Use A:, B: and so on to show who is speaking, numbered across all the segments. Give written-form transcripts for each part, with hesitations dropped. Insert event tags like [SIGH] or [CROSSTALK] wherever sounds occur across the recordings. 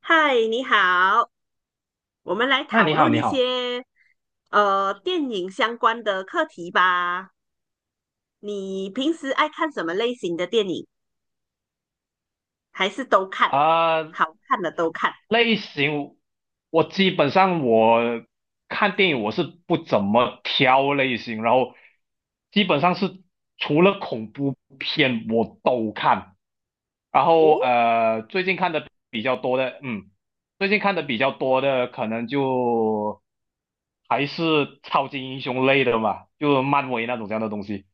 A: 嗨，你好，我们来
B: 那
A: 讨
B: 你好，
A: 论
B: 你
A: 一
B: 好，
A: 些电影相关的课题吧。你平时爱看什么类型的电影？还是都看？
B: 啊、
A: 好看的都看。
B: 类型，我基本上我看电影我是不怎么挑类型，然后基本上是除了恐怖片我都看，然后
A: 哦，
B: 最近看的比较多的，最近看的比较多的可能就还是超级英雄类的嘛，就漫威那种这样的东西，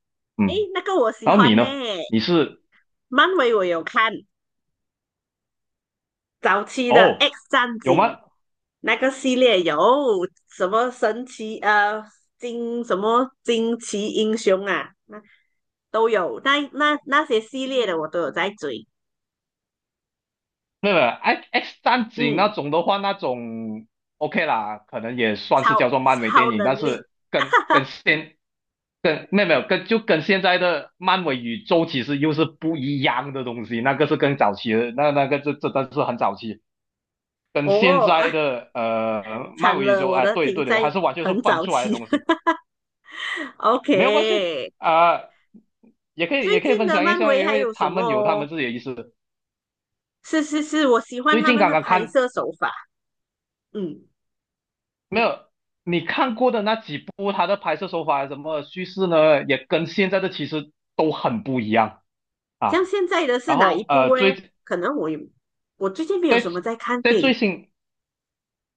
A: 诶，
B: 嗯，
A: 那个我喜
B: 然后你
A: 欢呢，
B: 呢？你是？
A: 漫威我有看，早期的
B: 哦，
A: 《X 战警》
B: 有吗？
A: 那个系列有什么惊奇英雄啊，那都有，那些系列的我都有在追。
B: 没有没有，X X 战警那
A: 嗯。
B: 种的话，那种 OK 啦，可能也算是
A: 超
B: 叫做漫威电
A: 超
B: 影，
A: 能
B: 但
A: 力
B: 是跟跟现跟没有没有跟就跟现在的漫威宇宙其实又是不一样的东西，那个是更早期的，这真的是很早期，跟现
A: 哦啊，
B: 在的漫
A: 惨
B: 威宇
A: 了，
B: 宙，
A: 我的
B: 对
A: 停
B: 对对，还
A: 在
B: 是完全是
A: 很
B: 分
A: 早
B: 出来的
A: 期。
B: 东西。
A: [LAUGHS]
B: 没有关系。
A: OK，
B: 啊、也可以
A: 最
B: 也可以
A: 近
B: 分
A: 的
B: 享一
A: 漫
B: 下，
A: 威
B: 因
A: 还
B: 为
A: 有什
B: 他们有他
A: 么？
B: 们自己的意思。
A: 是是是，我喜欢
B: 最
A: 他
B: 近
A: 们
B: 刚
A: 的
B: 刚
A: 拍
B: 看，
A: 摄手法。嗯，
B: 没有，你看过的那几部，它的拍摄手法什么叙事呢，也跟现在的其实都很不一样
A: 像
B: 啊。
A: 现在的是
B: 然
A: 哪一
B: 后，
A: 部嘞？
B: 最
A: 可能我最近没有
B: 在
A: 什么在看
B: 在
A: 电
B: 最
A: 影，
B: 新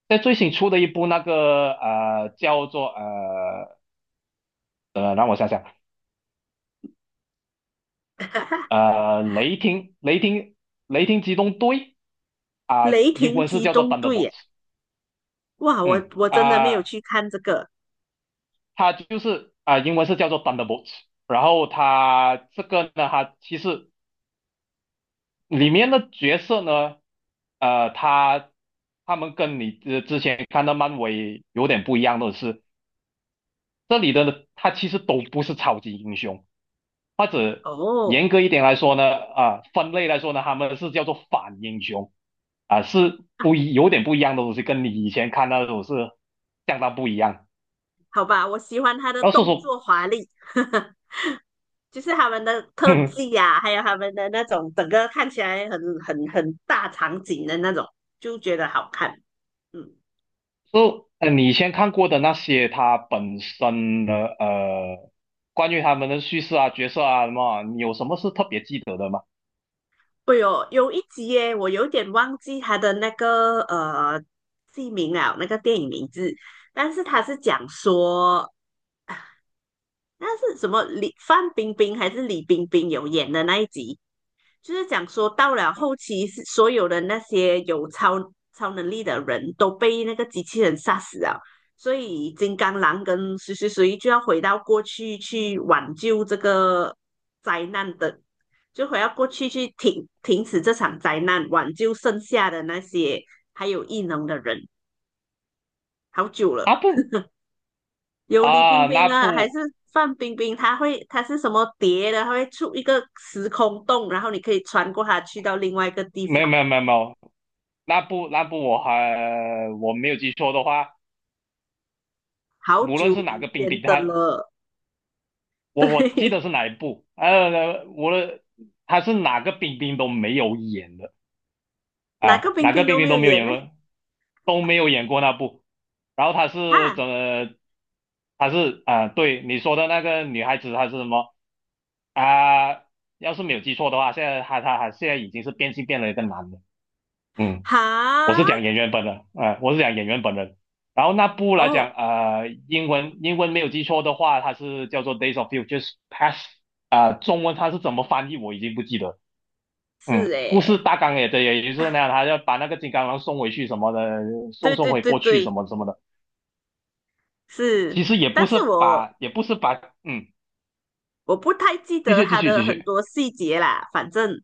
B: 在最新出的一部那个叫做，让我想想，呃，雷霆雷霆雷霆机动队。啊、
A: 《雷
B: 英
A: 霆
B: 文是
A: 机
B: 叫做
A: 动队》耶。
B: Thunderbolts，
A: 哇，
B: 嗯
A: 我真的没有
B: 啊、
A: 去看这个
B: 它就是英文是叫做 Thunderbolts。然后它这个呢，它其实里面的角色呢，呃，他他们跟你之前看到漫威有点不一样的是，这里的呢他其实都不是超级英雄，或者
A: 哦。
B: 严格一点来说呢，分类来说呢，他们是叫做反英雄。是不一有点不一样的东西，跟你以前看到的都是相当不一样。
A: 好吧，我喜欢他的
B: 然后说
A: 动
B: 说，
A: 作华丽。[LAUGHS] 就是他们的特
B: [LAUGHS]
A: 技啊，还有他们的那种整个看起来很大场景的那种，就觉得好看。嗯，
B: 就，你先看过的那些，它本身的关于他们的叙事啊、角色啊什么啊，你有什么是特别记得的吗？
A: 哎呦，有一集耶，我有点忘记他的那个剧名了，那个电影名字，但是他是讲说，啊那是什么范冰冰还是李冰冰有演的那一集，就是讲说，到了后期，是所有的那些有超能力的人都被那个机器人杀死了，所以金刚狼跟谁谁谁就要回到过去去挽救这个灾难的，就回到过去去停止这场灾难，挽救剩下的那些还有异能的人。好久
B: 啊
A: 了，
B: 不
A: 有李冰
B: 啊，那
A: 冰啊，还是
B: 部，
A: 范冰冰？她是什么蝶的？她会出一个时空洞，然后你可以穿过它去到另外一个地
B: 没
A: 方。
B: 有没有没有没有，那部。我还，我没有记错的话，
A: 好
B: 无论是
A: 久
B: 哪个
A: 以
B: 冰
A: 前
B: 冰，
A: 的
B: 他
A: 了，[LAUGHS]
B: 我记得
A: 对，
B: 是哪一部，无论他是哪个冰冰都没有演的。
A: 哪个
B: 啊，
A: 冰
B: 哪个
A: 冰
B: 冰
A: 都
B: 冰
A: 没
B: 都
A: 有
B: 没有
A: 演
B: 演
A: 呢？
B: 过，都没有演过那部。然后他是
A: 啊
B: 怎么？他是对你说的那个女孩子，她是什么。啊、要是没有记错的话，现在她她现在已经是变性变了一个男的。嗯，
A: 哈，
B: 我是讲演员本人，我是讲演员本人。然后那部来
A: 哦，
B: 讲，英文没有记错的话，它是叫做《Days of Future Past》。中文它是怎么翻译我已经不记得。
A: 是
B: 嗯，故
A: 诶，
B: 事大纲也对，也就是那样，他要把那个金刚狼送回去什么的，
A: 对
B: 送
A: 对
B: 回
A: 对
B: 过去
A: 对，
B: 什么什么的。
A: 是，
B: 其实也不
A: 但
B: 是
A: 是我
B: 把，嗯，
A: 我不太记
B: 继
A: 得
B: 续继
A: 他
B: 续
A: 的
B: 继
A: 很
B: 续
A: 多细节啦，反正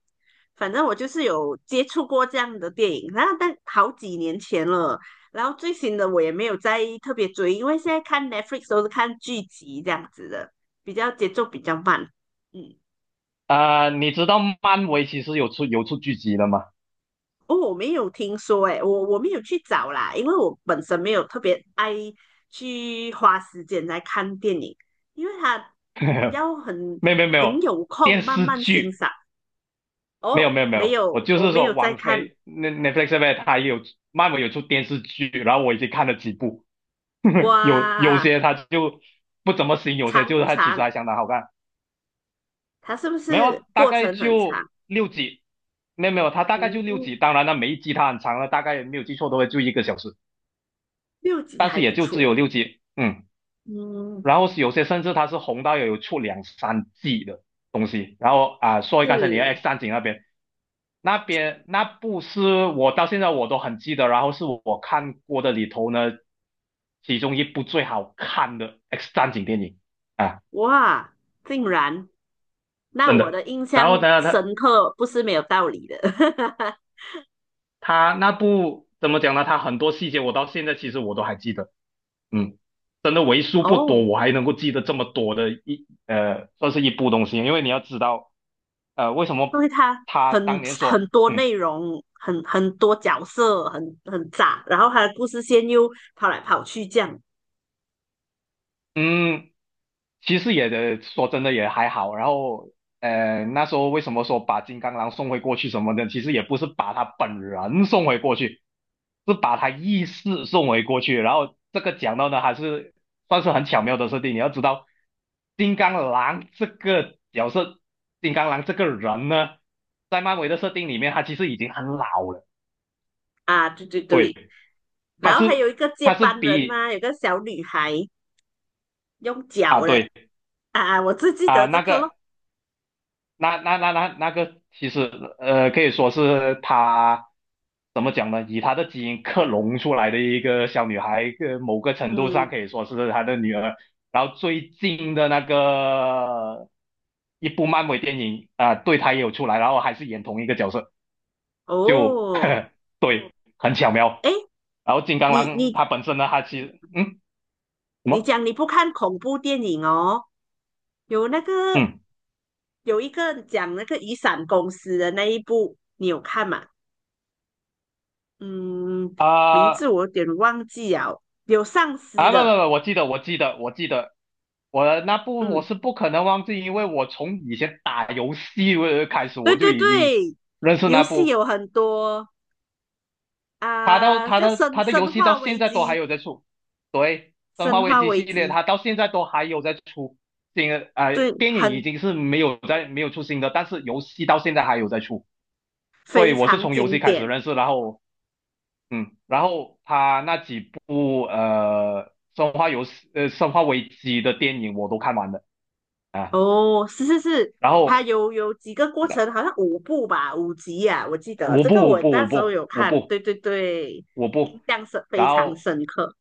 A: 反正我就是有接触过这样的电影，然后但好几年前了，然后最新的我也没有再特别追，因为现在看 Netflix 都是看剧集这样子的，比较节奏比较慢，嗯。
B: 你知道漫威其实有出剧集的吗？
A: 哦，我没有听说诶，我没有去找啦，因为我本身没有特别爱去花时间来看电影，因为它要很
B: [LAUGHS] 没有没有没
A: 很
B: 有，
A: 有
B: 电
A: 空慢
B: 视
A: 慢欣
B: 剧，
A: 赏。
B: 没有
A: 哦，
B: 没有没
A: 没
B: 有，我
A: 有，
B: 就
A: 我
B: 是
A: 没有
B: 说
A: 在
B: 王
A: 看。
B: 菲那 Netflix 上面它也有漫威有出电视剧，然后我已经看了几部，有
A: 哇，
B: 些它就不怎么行，有些
A: 长
B: 就是
A: 不
B: 它其实
A: 长？
B: 还相当好看。
A: 它是不
B: 没有啊，
A: 是
B: 大
A: 过
B: 概
A: 程很长？
B: 就六集，没有没有，它大概就六
A: 嗯，
B: 集。当然了，每一集它很长了，大概没有记错的话就一个小时，
A: 6集
B: 但是
A: 还
B: 也
A: 不
B: 就只
A: 错。
B: 有六集。嗯。
A: 嗯，
B: 然后是有些甚至它是红到有出两三季的东西。然后啊，说回刚才你的
A: 是
B: X 战警那边，那边那部是我到现在我都很记得，然后是我看过的里头呢，其中一部最好看的 X 战警电影啊，
A: 哇，竟然，那
B: 真
A: 我
B: 的。
A: 的印
B: 然后
A: 象
B: 呢，
A: 深刻不是没有道理的。[LAUGHS]
B: 他那部怎么讲呢？他很多细节我到现在其实我都还记得。嗯，真的为数不
A: 哦，
B: 多，我还能够记得这么多的，算是一部东西。因为你要知道，为什么
A: 对他
B: 他当
A: 很
B: 年
A: 很
B: 说，
A: 多
B: 嗯
A: 内容，很多角色，很杂，然后他的故事线又跑来跑去这样
B: 嗯。其实也的，说真的也还好。然后，那时候为什么说把金刚狼送回过去什么的，其实也不是把他本人送回过去，是把他意识送回过去。然后这个讲到呢，还是算是很巧妙的设定。你要知道，金刚狼这个角色，金刚狼这个人呢，在漫威的设定里面，他其实已经很老了。
A: 啊，对对
B: 对，
A: 对，
B: 他
A: 然后还有
B: 是
A: 一个接
B: 他是
A: 班人
B: 比，
A: 嘛，有个小女孩用脚
B: 啊
A: 的
B: 对
A: 啊，我只记得这
B: 那
A: 个咯，
B: 个。那个其实可以说是她。怎么讲呢？以她的基因克隆出来的一个小女孩，某个程度上
A: 嗯，
B: 可以说是她的女儿。然后最近的那个一部漫威电影，对，她也有出来，然后还是演同一个角色，就
A: 哦，
B: [LAUGHS] 对，很巧妙。
A: 诶，
B: 然后金刚
A: 你
B: 狼
A: 你
B: 它本身呢，它其实，嗯什
A: 你
B: 么
A: 讲你不看恐怖电影哦，有那个
B: 嗯
A: 有一个讲那个雨伞公司的那一部，你有看吗？嗯，名字
B: 啊。
A: 我有点忘记了，有丧尸
B: 啊，不不
A: 的，
B: 不，我记得，我记得，我记得，我的那部我
A: 嗯，
B: 是不可能忘记，因为我从以前打游戏开始，
A: 对
B: 我就
A: 对
B: 已经
A: 对，
B: 认识
A: 游
B: 那
A: 戏
B: 部。
A: 有很多
B: 他到
A: 啊，叫生
B: 他的游
A: 生
B: 戏到
A: 化
B: 现
A: 危
B: 在都还
A: 机，
B: 有在出，对，《生化
A: 生
B: 危
A: 化
B: 机》
A: 危
B: 系列，
A: 机，
B: 他到现在都还有在出新的。
A: 对，
B: 电影已
A: 很
B: 经是没有出新的，但是游戏到现在还有在出，所以
A: 非
B: 我是
A: 常
B: 从游
A: 经
B: 戏开始
A: 典
B: 认识，然后嗯，然后他那几部《生化游戏》《生化危机》的电影我都看完了。啊，
A: 哦，是是是，
B: 然
A: 它
B: 后
A: 有几个过程，好像5部吧，5集呀、我记得
B: 我
A: 这
B: 不
A: 个
B: 我
A: 我
B: 不
A: 那
B: 我
A: 时候
B: 不
A: 有
B: 我
A: 看，对
B: 不
A: 对对，
B: 我
A: 印
B: 不，
A: 象非
B: 然
A: 常
B: 后
A: 深刻，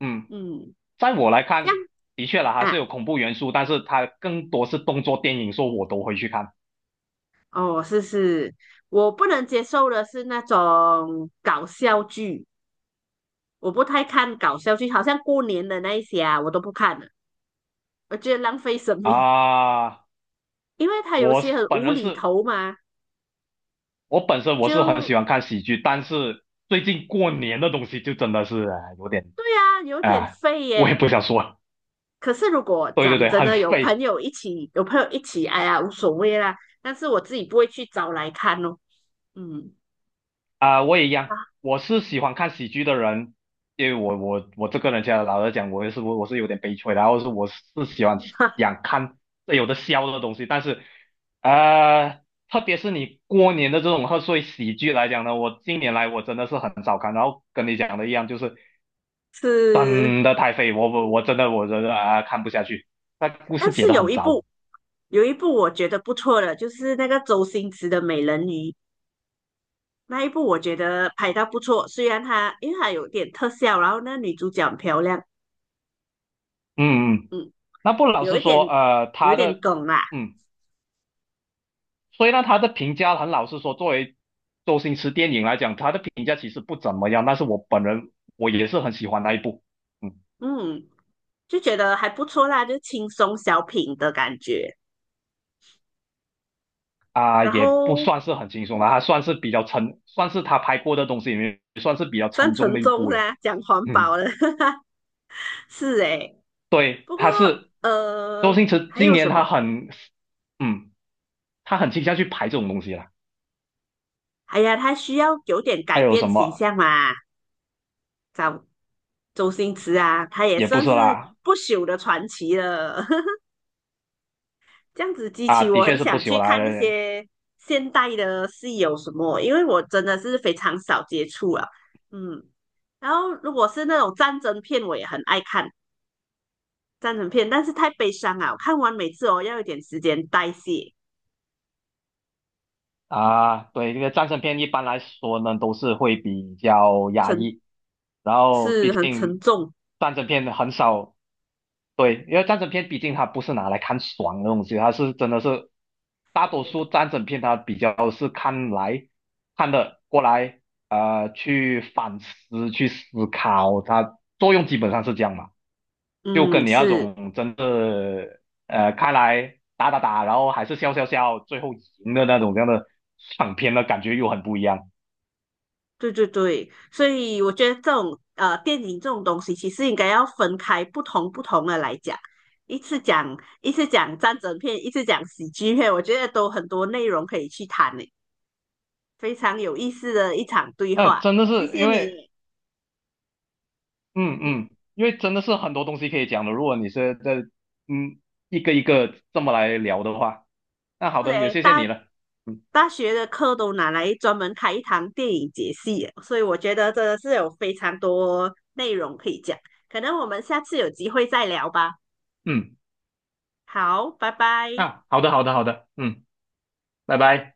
B: 嗯，
A: 嗯，
B: 在我来
A: 这样
B: 看，的确啦，还是有
A: 啊。
B: 恐怖元素，但是它更多是动作电影，说我都会去看
A: 哦，是是，我不能接受的是那种搞笑剧，我不太看搞笑剧，好像过年的那一些啊，我都不看了，我觉得浪费生命，
B: 啊。
A: [LAUGHS] 因为他有
B: 我是
A: 些很
B: 本
A: 无
B: 人
A: 厘
B: 是，
A: 头嘛，
B: 我本身我是很
A: 就
B: 喜欢看喜剧，但是最近过年的东西就真的是啊有点。
A: 对啊，有点
B: 啊，
A: 废
B: 我也
A: 耶。
B: 不想说，
A: 可是如果
B: 对对
A: 讲
B: 对，
A: 真
B: 很
A: 的，有朋
B: 废。
A: 友一起，有朋友一起，哎呀，无所谓啦。但是我自己不会去找来看哦，嗯，
B: 我也一样，我是喜欢看喜剧的人，因为我这个人，家老实讲，我也是我是有点悲催的，然后是我是喜欢
A: [LAUGHS]
B: 想看有的笑的东西，但是呃，特别是你过年的这种贺岁喜剧来讲呢，我近年来我真的是很少看，然后跟你讲的一样，就是
A: 是。
B: 真的太废。我真的我真的看不下去，那故事
A: 但
B: 写
A: 是
B: 的
A: 有
B: 很
A: 一
B: 糟。
A: 部有一部我觉得不错的，就是那个周星驰的《美人鱼》那一部，我觉得拍到不错。虽然它因为它有点特效，然后那女主角很漂亮，
B: 嗯嗯，嗯
A: 嗯，
B: 那不老
A: 有
B: 实
A: 一点
B: 说，
A: 有一
B: 他
A: 点
B: 的。
A: 梗啦，
B: 嗯。所以呢，他的评价很老实说，作为周星驰电影来讲，他的评价其实不怎么样。但是我本人我也是很喜欢那一部。嗯。
A: 嗯，就觉得还不错啦，就轻松小品的感觉。
B: 啊，
A: 然
B: 也不
A: 后
B: 算是很轻松的，他算是比较沉，算是他拍过的东西里面算是比较
A: 算
B: 沉重
A: 沉
B: 的一
A: 重
B: 部
A: 是
B: 了。
A: 啊，讲环
B: 嗯，
A: 保了，[LAUGHS] 是诶。
B: 对，
A: 不过
B: 周
A: 呃，
B: 星驰
A: 还
B: 今
A: 有
B: 年
A: 什么？
B: 他很，嗯，他很倾向去拍这种东西了。
A: 哎呀，他需要有点
B: 还
A: 改
B: 有
A: 变
B: 什
A: 形
B: 么？
A: 象嘛，找周星驰啊，他也
B: 也不
A: 算
B: 是
A: 是
B: 啦，
A: 不朽的传奇了。[LAUGHS] 这样子激
B: 啊，
A: 起
B: 的
A: 我
B: 确
A: 很
B: 是不
A: 想去
B: 朽啦。
A: 看那些现代的戏有什么，因为我真的是非常少接触啊。嗯，然后如果是那种战争片，我也很爱看战争片，但是太悲伤啊，我看完每次哦要一点时间代谢，
B: 啊，对，这个战争片一般来说呢，都是会比较压抑，然后毕
A: 是很沉
B: 竟
A: 重。
B: 战争片很少，对，因为战争片毕竟它不是拿来看爽的东西，它是真的是大多数战争片它比较是看的过来，去反思去思考，它作用基本上是这样嘛。就
A: 嗯，
B: 跟你那
A: 是。
B: 种真的开来打打打，然后还是笑笑笑，最后赢的那种这样的爽片的感觉又很不一样。
A: 对对对，所以我觉得这种电影这种东西，其实应该要分开不同的来讲，一次讲一次讲战争片，一次讲喜剧片，我觉得都很多内容可以去谈呢，非常有意思的一场对话。
B: 真的
A: 谢
B: 是
A: 谢
B: 因为
A: 你，
B: 嗯嗯，因为真的是很多东西可以讲的。如果你是在嗯一个这么来聊的话，那好的，也
A: 对，
B: 谢谢
A: 大
B: 你了。嗯
A: 大学的课都拿来专门开一堂电影解析了，所以我觉得真的是有非常多内容可以讲，可能我们下次有机会再聊吧。
B: 嗯，
A: 好，拜拜。
B: 啊，好的好的好的，嗯，拜拜。